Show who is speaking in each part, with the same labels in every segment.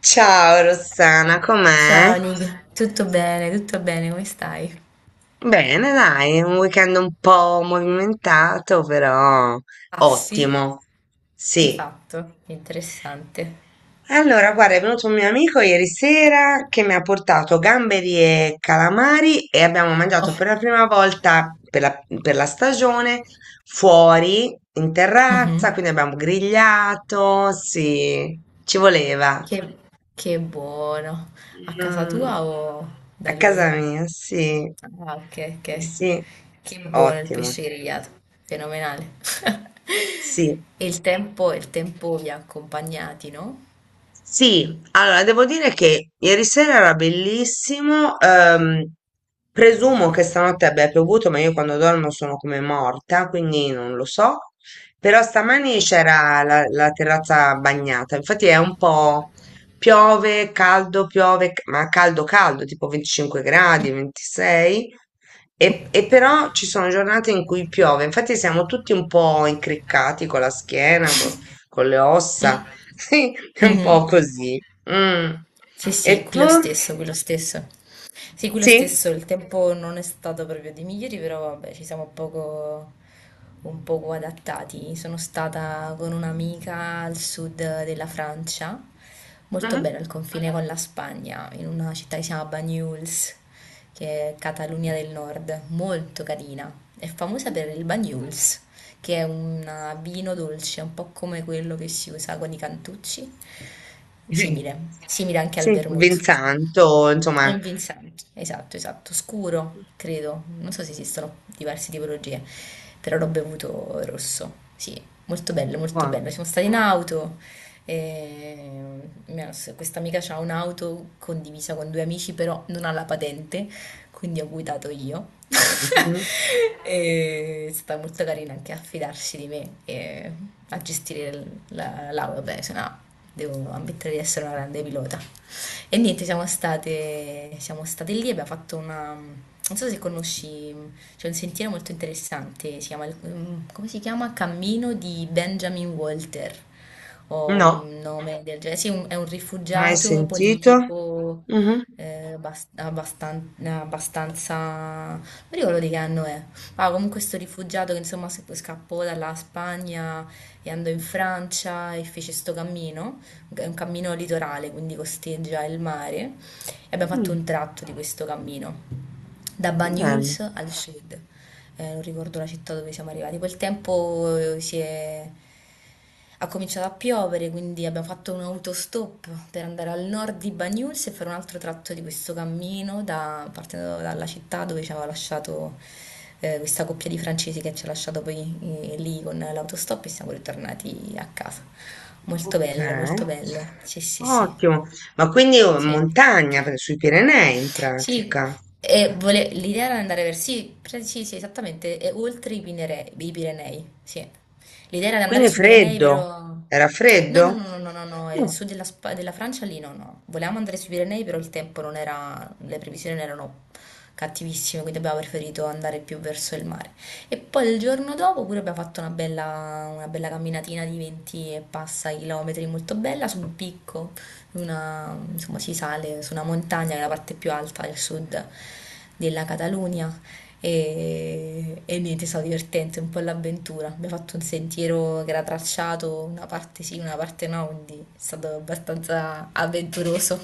Speaker 1: Ciao Rossana, com'è?
Speaker 2: Ciao Nick, tutto bene, come stai?
Speaker 1: Bene, dai, un weekend un po' movimentato, però
Speaker 2: Ah sì,
Speaker 1: ottimo.
Speaker 2: che
Speaker 1: Sì.
Speaker 2: hai fatto? Interessante.
Speaker 1: Allora, guarda, è venuto un mio amico ieri sera che mi ha portato gamberi e calamari e abbiamo mangiato
Speaker 2: Oh,
Speaker 1: per la prima volta per la stagione fuori in terrazza,
Speaker 2: mhm.
Speaker 1: quindi abbiamo grigliato, sì, ci voleva.
Speaker 2: Che, che buono. A casa
Speaker 1: Mm,
Speaker 2: tua o da
Speaker 1: a casa
Speaker 2: lui?
Speaker 1: mia, sì,
Speaker 2: Ah, ok, ok.
Speaker 1: sì. Sì,
Speaker 2: Che buono il
Speaker 1: ottimo,
Speaker 2: pesce grigliato, fenomenale.
Speaker 1: sì.
Speaker 2: E il tempo vi ha accompagnati, no?
Speaker 1: Sì, allora devo dire che ieri sera era bellissimo. Presumo che stanotte abbia piovuto, ma io quando dormo sono come morta, quindi non lo so. Però stamani c'era la terrazza bagnata. Infatti è un po' piove, caldo, piove, ma caldo, caldo, tipo 25 gradi, 26. E però ci sono giornate in cui piove. Infatti siamo tutti un po' incriccati con la schiena, con le ossa. Sì, è un po'
Speaker 2: Mhm.
Speaker 1: così. Mm.
Speaker 2: Sì, sì,
Speaker 1: E
Speaker 2: qui
Speaker 1: tu?
Speaker 2: lo stesso, qui lo stesso. Sì, quello
Speaker 1: Sì?
Speaker 2: stesso, il tempo non è stato proprio dei migliori, però vabbè, ci siamo poco, un poco adattati. Sono stata con un'amica al sud della Francia, molto
Speaker 1: Mhm.
Speaker 2: bene al confine con la Spagna, in una città che si chiama Banyuls, che è Catalunya del Nord, molto carina. È famosa per il Banyuls, che è un vino dolce, un po' come quello che si usa con i cantucci,
Speaker 1: Mhm.
Speaker 2: simile, simile anche al
Speaker 1: Sì,
Speaker 2: vermouth.
Speaker 1: Vinsanto,
Speaker 2: È
Speaker 1: insomma.
Speaker 2: un Vincent, esatto, esatto, scuro, credo. Non so se esistono diverse tipologie, però l'ho bevuto rosso. Sì, molto bello,
Speaker 1: Qua.
Speaker 2: molto bello. Siamo stati in auto. e mia- Questa amica ha un'auto condivisa con due amici, però non ha la patente, quindi ho guidato io.
Speaker 1: Mhm.
Speaker 2: E è stata molto carina anche a fidarsi di me e a gestire l'auto. Beh, se no, devo ammettere di essere una grande pilota. E niente, siamo state lì, abbiamo fatto una... Non so se conosci, c'è un sentiero molto interessante, si chiama, come si chiama? Cammino di Benjamin Walter, o
Speaker 1: No,
Speaker 2: un nome del genere. Sì, è un
Speaker 1: mai
Speaker 2: rifugiato
Speaker 1: sentito.
Speaker 2: politico
Speaker 1: Mhm.
Speaker 2: abbastanza... Non mi ricordo di che anno è. Ah, comunque sto rifugiato che insomma scappò dalla Spagna e andò in Francia e fece sto cammino è un cammino litorale, quindi costeggia il mare e abbiamo fatto un
Speaker 1: Mm,
Speaker 2: tratto di questo cammino da
Speaker 1: bello.
Speaker 2: Banyuls al sud. Non ricordo la città dove siamo arrivati. Quel tempo si è... ha cominciato a piovere, quindi abbiamo fatto un autostop per andare al nord di Banyuls e fare un altro tratto di questo cammino partendo dalla città dove ci aveva lasciato questa coppia di francesi che ci ha lasciato poi lì con l'autostop e siamo ritornati a casa. Molto
Speaker 1: Ok,
Speaker 2: bello, molto bello. Sì, sì, sì,
Speaker 1: ottimo. Ma quindi è in
Speaker 2: sì.
Speaker 1: montagna, sui Pirenei in
Speaker 2: Sì,
Speaker 1: pratica.
Speaker 2: l'idea era andare verso... Sì, sì, sì, esattamente, e oltre i Pirenei, sì. L'idea era di andare
Speaker 1: Quindi è
Speaker 2: sui Pirenei,
Speaker 1: freddo.
Speaker 2: però...
Speaker 1: Era
Speaker 2: No, no, no,
Speaker 1: freddo?
Speaker 2: no, no, no, no,
Speaker 1: Mm.
Speaker 2: su della, della Francia lì no, no. Volevamo andare sui Pirenei, però il tempo non era... le previsioni non erano cattivissime, quindi abbiamo preferito andare più verso il mare. E poi il giorno dopo pure abbiamo fatto una bella camminatina di 20 e passa chilometri, molto bella, su un picco. Insomma, si sale su una montagna, che è la parte più alta del sud della Catalogna e niente, è stato divertente, un po' l'avventura. Abbiamo fatto un sentiero che era tracciato, una parte sì, una parte no, quindi è stato abbastanza avventuroso.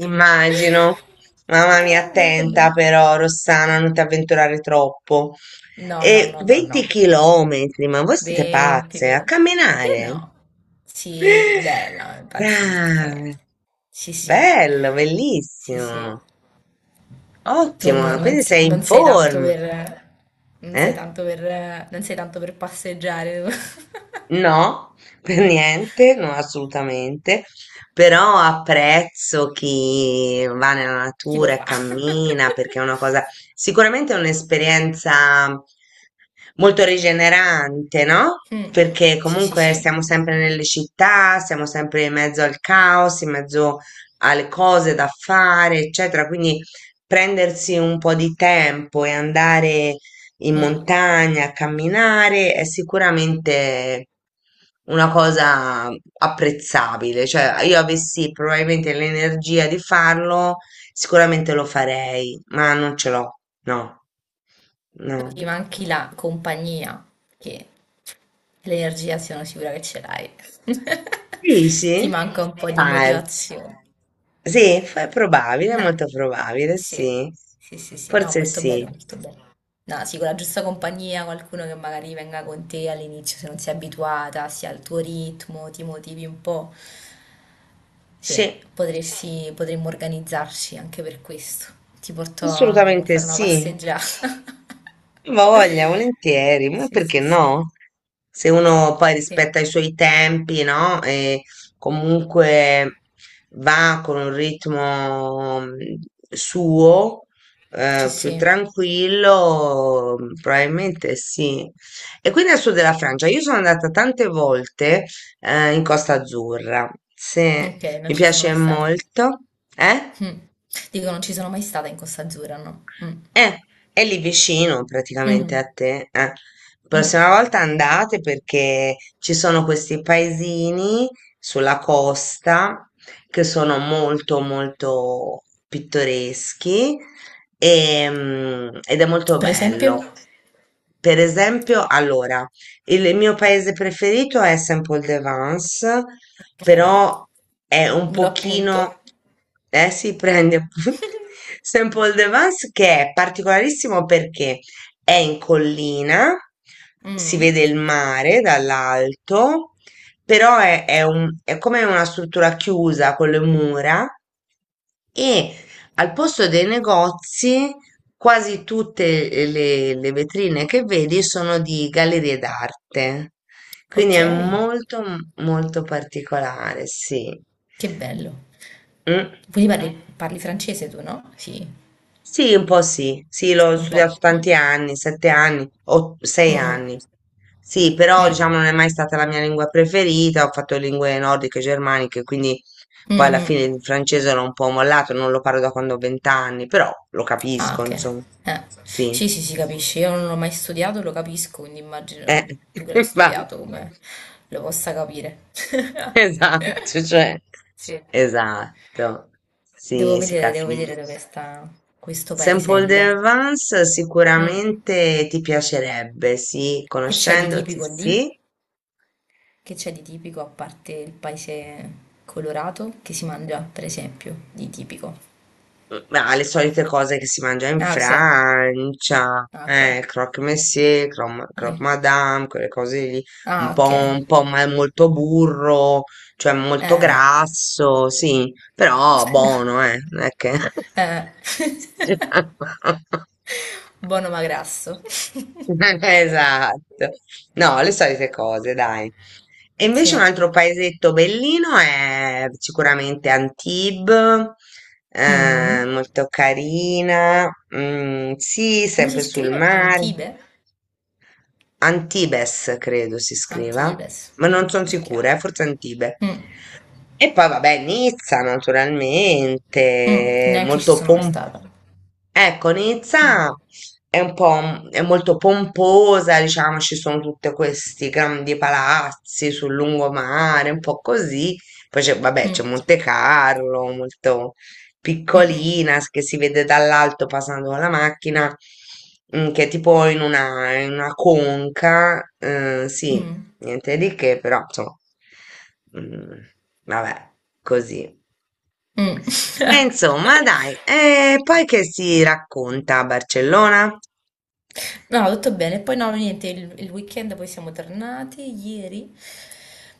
Speaker 1: Immagino. Mamma mia,
Speaker 2: Ah, molto
Speaker 1: attenta
Speaker 2: bello.
Speaker 1: però, Rossana, non ti avventurare troppo.
Speaker 2: No, no,
Speaker 1: E
Speaker 2: no, no, no.
Speaker 1: 20 chilometri, ma voi siete
Speaker 2: 20,
Speaker 1: pazze, a
Speaker 2: 20. Eh
Speaker 1: camminare?
Speaker 2: no. Sì, bella, impazzisca, vabbè.
Speaker 1: Brave,
Speaker 2: Sì, sì.
Speaker 1: bello,
Speaker 2: Sì, sì.
Speaker 1: bellissimo,
Speaker 2: Tu non,
Speaker 1: ottimo,
Speaker 2: non
Speaker 1: quindi
Speaker 2: se-
Speaker 1: sei in
Speaker 2: non sei tanto
Speaker 1: forma,
Speaker 2: per,
Speaker 1: eh?
Speaker 2: non sei tanto per passeggiare.
Speaker 1: No, per niente, no, assolutamente, però apprezzo chi va nella
Speaker 2: Chi lo
Speaker 1: natura e
Speaker 2: fa?
Speaker 1: cammina perché è una cosa, sicuramente è un'esperienza molto rigenerante, no?
Speaker 2: Mm, mm.
Speaker 1: Perché
Speaker 2: Sì, sì,
Speaker 1: comunque
Speaker 2: sì.
Speaker 1: stiamo sempre nelle città, siamo sempre in mezzo al caos, in mezzo alle cose da fare, eccetera, quindi prendersi un po' di tempo e andare in
Speaker 2: Mm.
Speaker 1: montagna, a camminare, è sicuramente una cosa apprezzabile. Cioè, io avessi probabilmente l'energia di farlo, sicuramente lo farei, ma non ce l'ho, no, no.
Speaker 2: Ti manchi la compagnia, che l'energia sono sicura che ce l'hai.
Speaker 1: Sì,
Speaker 2: Ti
Speaker 1: sì?
Speaker 2: manca un po' di
Speaker 1: Arts.
Speaker 2: motivazione.
Speaker 1: Sì, è probabile, è
Speaker 2: Eh,
Speaker 1: molto probabile,
Speaker 2: sì,
Speaker 1: sì.
Speaker 2: sì, no,
Speaker 1: Forse
Speaker 2: molto bello,
Speaker 1: sì.
Speaker 2: molto bello. No, sì, con la giusta compagnia, qualcuno che magari venga con te all'inizio se non sei abituata, sia al tuo ritmo, ti motivi un po'. Sì,
Speaker 1: Sì,
Speaker 2: potresti, potremmo organizzarci anche per questo. Ti porto a
Speaker 1: assolutamente
Speaker 2: fare una
Speaker 1: sì.
Speaker 2: passeggiata.
Speaker 1: Voglia, volentieri, ma
Speaker 2: Sì,
Speaker 1: perché
Speaker 2: sì, sì,
Speaker 1: no? Se uno poi
Speaker 2: sì,
Speaker 1: rispetta i suoi tempi, no? E comunque va con un ritmo suo,
Speaker 2: sì,
Speaker 1: più
Speaker 2: sì.
Speaker 1: tranquillo, probabilmente sì. E quindi al sud della Francia, io sono andata tante volte, in Costa Azzurra, se
Speaker 2: Ok, non
Speaker 1: mi
Speaker 2: ci sono
Speaker 1: piace
Speaker 2: mai stata.
Speaker 1: molto, eh?
Speaker 2: Mm. Dico, non ci sono mai stata in Costa Azzurra, no? Mm.
Speaker 1: Eh, è lì vicino praticamente a
Speaker 2: Mm.
Speaker 1: te.
Speaker 2: Mm.
Speaker 1: Prossima volta andate perché ci sono questi paesini sulla costa che sono molto molto pittoreschi, ed è molto
Speaker 2: Per esempio?
Speaker 1: bello. Per esempio, allora, il mio paese preferito è Saint-Paul-de-Vence,
Speaker 2: Okay,
Speaker 1: però è un
Speaker 2: me lo È un appunto.
Speaker 1: pochino,
Speaker 2: Capo.
Speaker 1: si prende appunto. Saint-Paul de Vence che è particolarissimo perché è in collina, si
Speaker 2: Mh,
Speaker 1: vede il mare dall'alto, però è come una struttura chiusa con le mura e al posto dei negozi, quasi tutte le vetrine che vedi sono di gallerie d'arte. Quindi è
Speaker 2: okay,
Speaker 1: molto, molto particolare, sì.
Speaker 2: che bello.
Speaker 1: Mm.
Speaker 2: Quindi parli parli francese tu, no? Sì,
Speaker 1: Sì, un po' sì, sì, l'ho
Speaker 2: un po'.
Speaker 1: studiato
Speaker 2: Mh.
Speaker 1: tanti anni, 7 anni o
Speaker 2: Sì.
Speaker 1: sei anni. Sì, però
Speaker 2: Mh,
Speaker 1: diciamo non è mai stata la mia lingua preferita, ho fatto lingue nordiche e germaniche, quindi
Speaker 2: mh,
Speaker 1: poi alla
Speaker 2: mh.
Speaker 1: fine il francese l'ho un po' mollato, non lo parlo da quando ho 20 anni, però lo
Speaker 2: Ah,
Speaker 1: capisco,
Speaker 2: okay.
Speaker 1: insomma.
Speaker 2: Eh.
Speaker 1: Sì,
Speaker 2: Sì, sì, si capisce. Io non l'ho mai studiato, lo capisco, quindi
Speaker 1: eh,
Speaker 2: immagino tu che l'hai
Speaker 1: va,
Speaker 2: studiato come lo possa capire.
Speaker 1: esatto, cioè,
Speaker 2: Sì.
Speaker 1: esatto, sì, si
Speaker 2: Devo vedere dove
Speaker 1: capisce.
Speaker 2: sta questo
Speaker 1: Sample
Speaker 2: paesello.
Speaker 1: Vance
Speaker 2: Mm.
Speaker 1: sicuramente ti piacerebbe, sì,
Speaker 2: Che c'è di
Speaker 1: conoscendoti,
Speaker 2: tipico lì?
Speaker 1: sì.
Speaker 2: Che c'è di tipico a parte il paese colorato che si mangia, per esempio, di tipico?
Speaker 1: Ma le solite cose che si mangia in
Speaker 2: Ah, ok.
Speaker 1: Francia,
Speaker 2: Ah, ok.
Speaker 1: croque monsieur, croque
Speaker 2: Quindi-
Speaker 1: madame, quelle cose lì, un
Speaker 2: Ah,
Speaker 1: po',
Speaker 2: ok.
Speaker 1: un po' molto burro, cioè molto
Speaker 2: Eh.
Speaker 1: grasso, sì, però buono, non è che.
Speaker 2: Eh. Buono ma grasso.
Speaker 1: Esatto, no, le solite cose, dai. E invece un
Speaker 2: Sì.
Speaker 1: altro paesetto bellino è sicuramente Antibes,
Speaker 2: Mm.
Speaker 1: molto carina, sì,
Speaker 2: Come si
Speaker 1: sempre sul
Speaker 2: scrive?
Speaker 1: mare.
Speaker 2: Antibe?
Speaker 1: Antibes, credo si scriva,
Speaker 2: Antibes.
Speaker 1: ma
Speaker 2: Mm,
Speaker 1: non sono
Speaker 2: ok.
Speaker 1: sicura, forse Antibes.
Speaker 2: Mm,
Speaker 1: E poi, vabbè, Nizza,
Speaker 2: mm,
Speaker 1: naturalmente,
Speaker 2: neanche ci
Speaker 1: molto
Speaker 2: sono mai
Speaker 1: pomposa.
Speaker 2: stata.
Speaker 1: Ecco,
Speaker 2: Mm,
Speaker 1: Nizza è un po', è molto pomposa, diciamo, ci sono tutti questi grandi palazzi sul lungomare, un po' così. Poi c'è, vabbè, c'è
Speaker 2: mm,
Speaker 1: Monte Carlo, molto
Speaker 2: mm,
Speaker 1: piccolina, che si vede dall'alto passando con la macchina, che è tipo in una conca, sì,
Speaker 2: mm,
Speaker 1: niente di che, però, insomma, mm, vabbè, così.
Speaker 2: mm,
Speaker 1: E
Speaker 2: mm.
Speaker 1: insomma, dai, e poi che si racconta a Barcellona?
Speaker 2: No, no, tutto bene. Poi no, niente, il weekend poi siamo tornati ieri,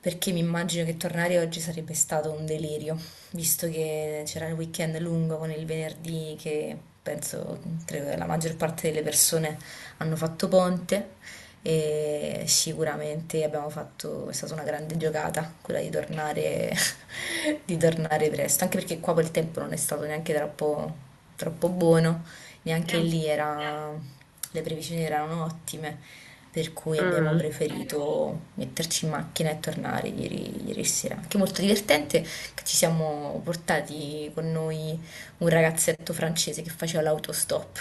Speaker 2: perché mi immagino che tornare oggi sarebbe stato un delirio, visto che c'era il weekend lungo con il venerdì che la maggior parte delle persone hanno fatto ponte e sicuramente abbiamo fatto, è stata una grande giocata quella di tornare, di tornare presto, anche perché qua quel tempo non è stato neanche troppo, troppo buono neanche
Speaker 1: Mm.
Speaker 2: lì era, le previsioni erano ottime, per cui abbiamo
Speaker 1: Mm.
Speaker 2: preferito metterci in macchina e tornare ieri, ieri sera. Anche molto divertente che ci siamo portati con noi un ragazzetto francese che faceva l'autostop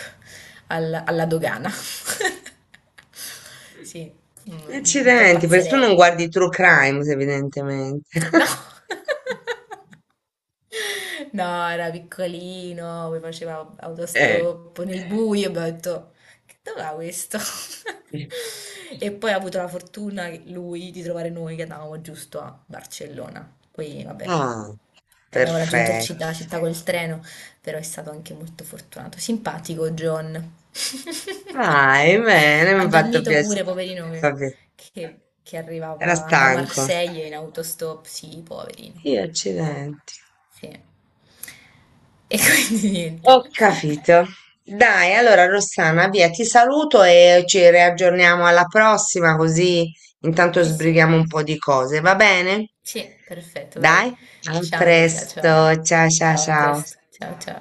Speaker 2: alla dogana. Sì, un po'
Speaker 1: Accidenti, perché tu non
Speaker 2: pazzerello.
Speaker 1: guardi True Crime, evidentemente.
Speaker 2: No. No, era piccolino, poi faceva
Speaker 1: Eh.
Speaker 2: autostop nel buio, abbiamo detto, che dov'è questo?
Speaker 1: Sì.
Speaker 2: E poi ha avuto la fortuna, lui, di trovare noi che andavamo giusto a Barcellona. Poi, vabbè,
Speaker 1: Ah,
Speaker 2: abbiamo raggiunto
Speaker 1: perfetto.
Speaker 2: la città col treno, però è stato anche molto fortunato. Simpatico John.
Speaker 1: Vai, bene, mi
Speaker 2: Ha
Speaker 1: ha fatto
Speaker 2: dormito pure,
Speaker 1: piacere.
Speaker 2: poverino, che,
Speaker 1: Vabbè,
Speaker 2: che
Speaker 1: era
Speaker 2: arrivava da
Speaker 1: stanco.
Speaker 2: Marsiglia in autostop. Sì, poverino.
Speaker 1: Io, accidenti.
Speaker 2: Sì. E quindi niente.
Speaker 1: Ho capito. Dai, allora Rossana, via, ti saluto e ci riaggiorniamo alla prossima, così intanto
Speaker 2: Sì, sì,
Speaker 1: sbrighiamo un po' di cose, va bene?
Speaker 2: sì, perfetto, dai.
Speaker 1: Dai, a
Speaker 2: Ciao Nicola,
Speaker 1: presto.
Speaker 2: ciao.
Speaker 1: Ciao, ciao,
Speaker 2: Ciao, a
Speaker 1: ciao.
Speaker 2: presto. Ciao, ciao.